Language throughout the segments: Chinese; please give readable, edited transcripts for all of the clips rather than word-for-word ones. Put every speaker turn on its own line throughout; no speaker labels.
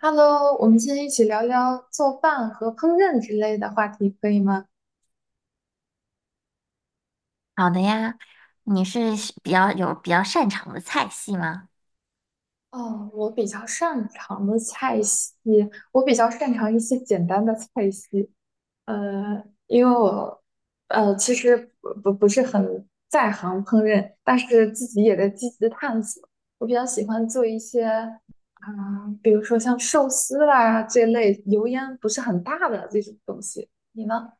Hello，我们今天一起聊聊做饭和烹饪之类的话题，可以吗？
好的呀，你是喜比较有比较擅长的菜系吗？
哦，我比较擅长的菜系，我比较擅长一些简单的菜系。因为我其实不是很在行烹饪，但是自己也在积极探索。我比较喜欢做一些啊、比如说像寿司啦这类油烟不是很大的这种东西。你呢？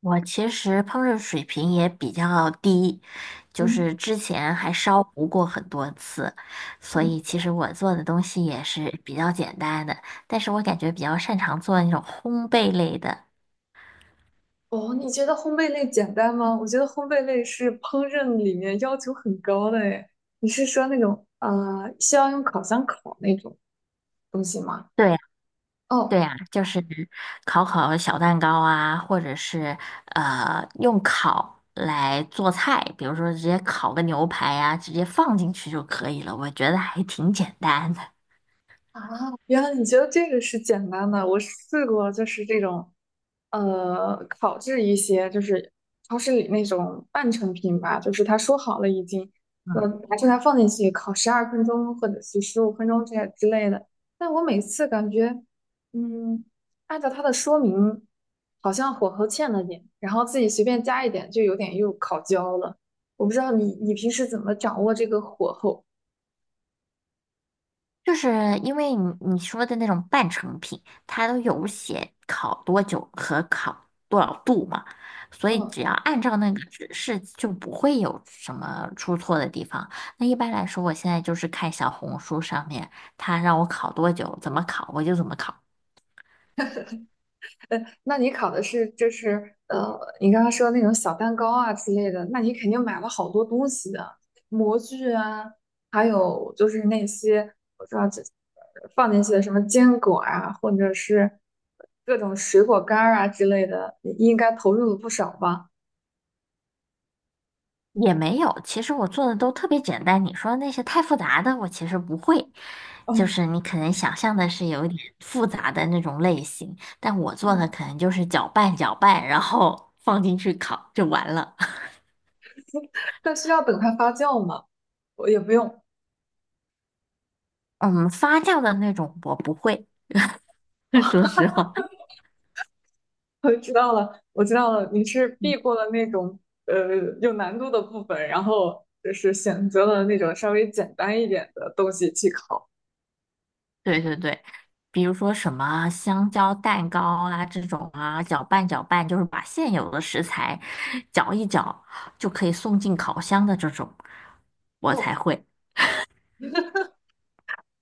我其实烹饪水平也比较低，就
嗯
是之前还烧糊过很多次，所以
嗯。
其实我做的东西也是比较简单的，但是我感觉比较擅长做那种烘焙类的。
哦，你觉得烘焙类简单吗？我觉得烘焙类是烹饪里面要求很高的诶。你是说那种需要用烤箱烤那种东西吗？
对，对
哦，
呀，就是烤烤小蛋糕啊，或者是用烤来做菜，比如说直接烤个牛排呀、直接放进去就可以了。我觉得还挺简单的。
啊，原来你觉得这个是简单的。我试过，就是这种，烤制一些，就是超市里那种半成品吧，就是他说好了已经，说
嗯。
拿出来放进去烤12分钟或者是15分钟这样之类的。但我每次感觉，嗯，按照他的说明，好像火候欠了点，然后自己随便加一点，就有点又烤焦了。我不知道你平时怎么掌握这个火候？
就是因为你说的那种半成品，它都有写烤多久和烤多少度嘛，所以
嗯。
只要按照那个指示，就不会有什么出错的地方。那一般来说，我现在就是看小红书上面，它让我烤多久，怎么烤，我就怎么烤。
呃，那你烤的是就是你刚刚说那种小蛋糕啊之类的，那你肯定买了好多东西的，模具啊，还有就是那些我知道这放进去的什么坚果啊，或者是各种水果干儿啊之类的，你应该投入了不少吧？
也没有，其实我做的都特别简单。你说那些太复杂的，我其实不会。
哦，
就是你可能想象的是有一点复杂的那种类型，但我做的
嗯
可能就是搅拌搅拌，然后放进去烤就完了。
那需要等它发酵吗？我也不用。
嗯，发酵的那种我不会，说 实话。
我知道了，我知道了，你是
嗯，
避过了那种呃有难度的部分，然后就是选择了那种稍微简单一点的东西去考。
对对对，比如说什么香蕉蛋糕啊这种啊，搅拌搅拌，就是把现有的食材搅一搅就可以送进烤箱的这种，我才
哦，
会。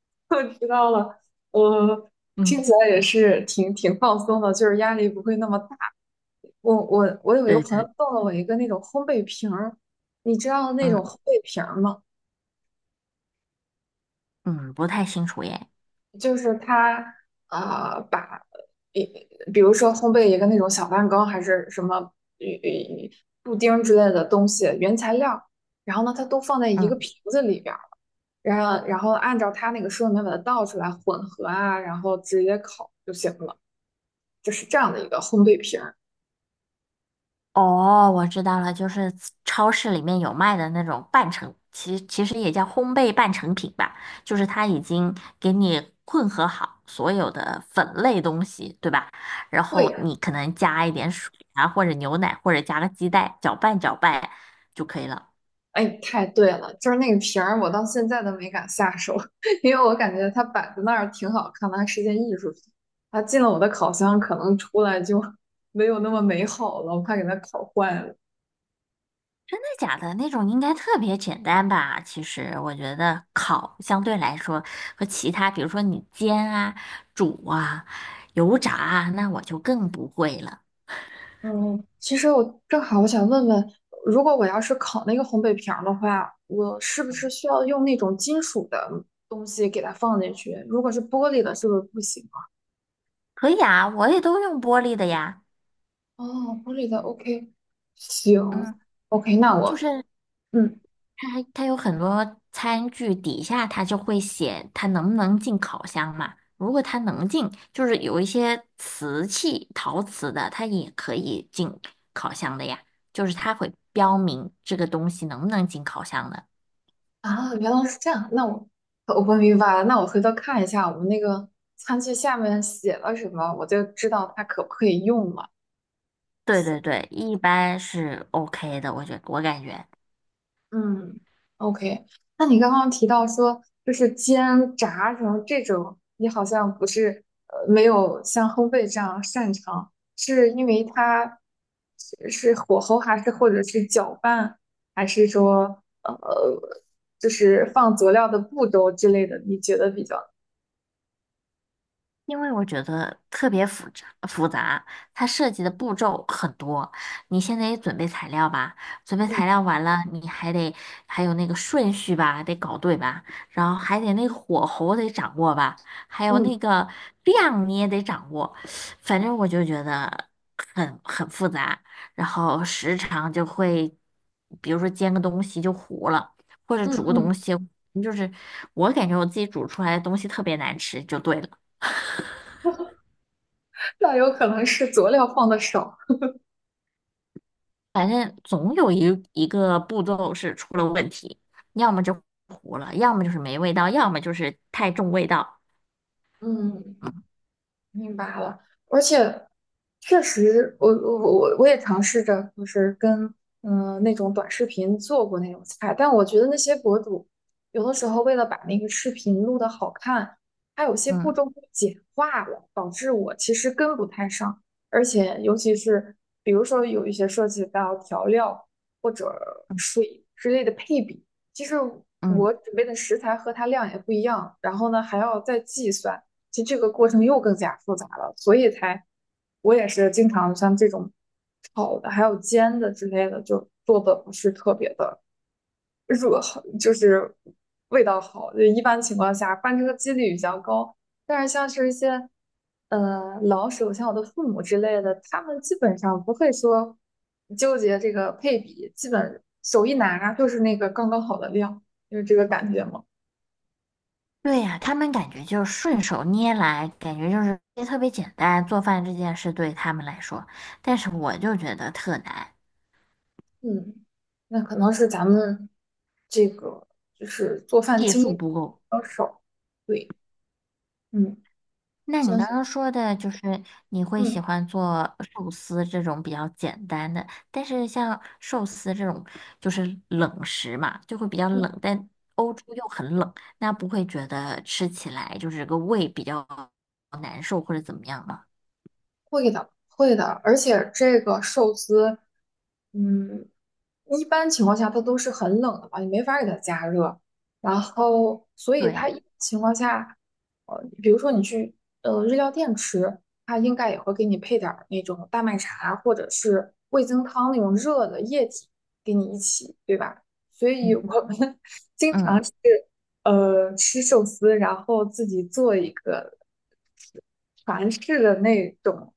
我知道了，我听
嗯。
起来也是挺放松的，就是压力不会那么大。我有一个
对
朋友
对，
送了我一个那种烘焙瓶儿，你知道那
嗯，
种烘焙瓶儿吗？
嗯，不太清楚耶。
就是它把比比如说烘焙一个那种小蛋糕还是什么呃布丁之类的东西原材料，然后呢它都放在一个
嗯，
瓶子里边儿，然后按照它那个说明把它倒出来混合啊，然后直接烤就行了，就是这样的一个烘焙瓶儿。
哦，我知道了，就是超市里面有卖的那种半成，其实也叫烘焙半成品吧，就是它已经给你混合好所有的粉类东西，对吧？然
对
后你可能加一点水啊，或者牛奶，或者加个鸡蛋，搅拌搅拌就可以了。
哎，太对了，就是那个瓶儿，我到现在都没敢下手，因为我感觉它摆在那儿挺好看的，它是件艺术品。它进了我的烤箱，可能出来就 没有那么美好了，我怕给它烤坏了。
真的假的那种应该特别简单吧？其实我觉得烤相对来说和其他，比如说你煎啊、煮啊、油炸啊，那我就更不会了。
嗯，其实我正好我想问问，如果我要是烤那个烘焙瓶儿的话，我是不是需要用那种金属的东西给它放进去？如果是玻璃的，是不是不行啊？
可以啊，我也都用玻璃的呀。
哦，玻璃的，OK，行
嗯，
，OK，那
就是
我嗯。
它它有很多餐具底下它就会写它能不能进烤箱嘛。如果它能进，就是有一些瓷器、陶瓷的，它也可以进烤箱的呀。就是它会标明这个东西能不能进烤箱的。
啊，原来是这样。那我明白了。那我回头看一下我们那个餐具下面写了什么，我就知道它可不可以用了。
对对对，一般是 OK 的，我感觉。
嗯，OK。那你刚刚提到说，就是煎、炸什么这种，你好像不是没有像烘焙这样擅长，是因为它是火候，还是或者是搅拌，还是说就是放佐料的步骤之类的，你觉得比较？
因为我觉得特别复杂，它涉及的步骤很多。你现在也准备材料吧，准备
嗯
材料完了，你还得还有那个顺序吧，得搞对吧，然后还得那个火候得掌握吧，还有那
嗯
个量你也得掌握。反正我就觉得很复杂，然后时常就会，比如说煎个东西就糊了，或者
嗯
煮个
嗯
东西，就是我感觉我自己煮出来的东西特别难吃，就对了。
那有可能是佐料放的少。
反正总有一个步骤是出了问题，要么就糊了，要么就是没味道，要么就是太重味道。
嗯，明白了，而且确实，我也尝试着，就是跟那种短视频做过那种菜，但我觉得那些博主有的时候为了把那个视频录的好看，它有些步
嗯，
骤会简化了，导致我其实跟不太上，而且尤其是比如说有一些涉及到调料或者
嗯，
水之类的配比，其实
嗯，
我准备的食材和它量也不一样，然后呢还要再计算。其实这个过程又更加复杂了，所以才我也是经常像这种炒的，还有煎的之类的，就做的不是特别的热，就是味道好。就一般情况下翻车几率比较高，但是像是一些老手，像我的父母之类的，他们基本上不会说纠结这个配比，基本手一拿就是那个刚刚好的量，就是这个感觉嘛。
对呀，他们感觉就是顺手捏来，感觉就是也特别简单，做饭这件事对他们来说，但是我就觉得特难，
嗯，那可能是咱们这个就是做饭
技
经
术
验比
不够。
较少。对，嗯，
那你
相
刚
信，
刚说的就是你会喜
嗯
欢做寿司这种比较简单的，但是像寿司这种就是冷食嘛，就会比较
嗯。
冷，但欧洲又很冷，那不会觉得吃起来就是个胃比较难受或者怎么样吗？
会的，会的，而且这个寿司，嗯，一般情况下它都是很冷的嘛，你没法给它加热，然后所以
对
它
呀，
一般情况下，比如说你去日料店吃，它应该也会给你配点儿那种大麦茶或者是味增汤那种热的液体给你一起，对吧？所以我们 经常
嗯，
是。吃寿司，然后自己做一个韩式的那种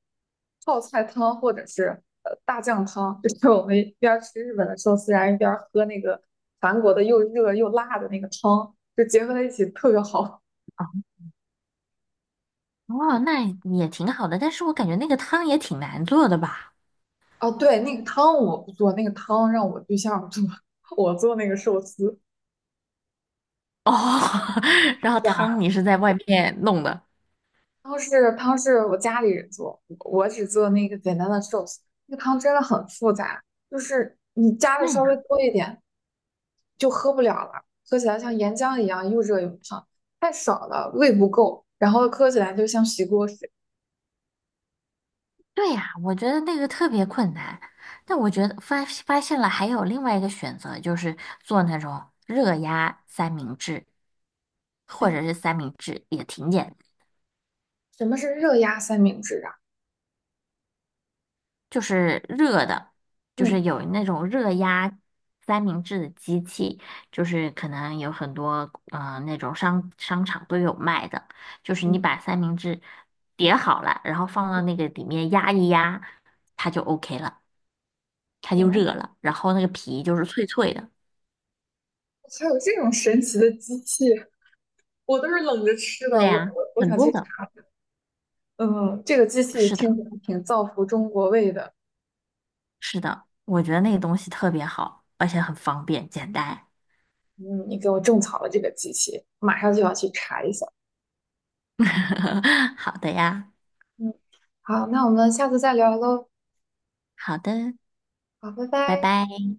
泡菜汤，或者是大酱汤，就是我们一边儿吃日本的寿司，然后一边儿喝那个韩国的又热又辣的那个汤，就结合在一起特别好。
哦，哦那也挺好的，但是我感觉那个汤也挺难做的吧？
哦，对，那个汤我不做，那个汤让我对象做，我做那个寿司。
哦，然后汤你是在外面弄的？
汤是我家里人做，我只做那个简单的寿司。那个汤真的很复杂，就是你加的稍微
对。
多一点就喝不了了，喝起来像岩浆一样又热又烫，太少了胃不够，然后喝起来就像洗锅水。
对呀，我觉得那个特别困难。但我觉得发现了还有另外一个选择，就是做那种热压三明治，或
哎，
者是三明治也挺简单，
什么是热压三明治啊？
就是热的，就是
嗯
有那种热压三明治的机器，就是可能有很多那种商场都有卖的，就是
嗯，
你把三明治叠好了，然后放到那个里面压一压，它就 OK 了，它就
哦，
热了，然后那个皮就是脆脆的。
还有这种神奇的机器，我都是冷着吃
对
的。我
呀，
我我
很
想
多
去
的，
查，嗯，这个机器
是的，
听起来挺造福中国胃的。
是的，我觉得那个东西特别好，而且很方便，简单。
嗯，你给我种草了这个机器，马上就要去查一下。
好的呀，
嗯，好，那我们下次再聊喽。
好的，
好，拜
拜
拜。
拜。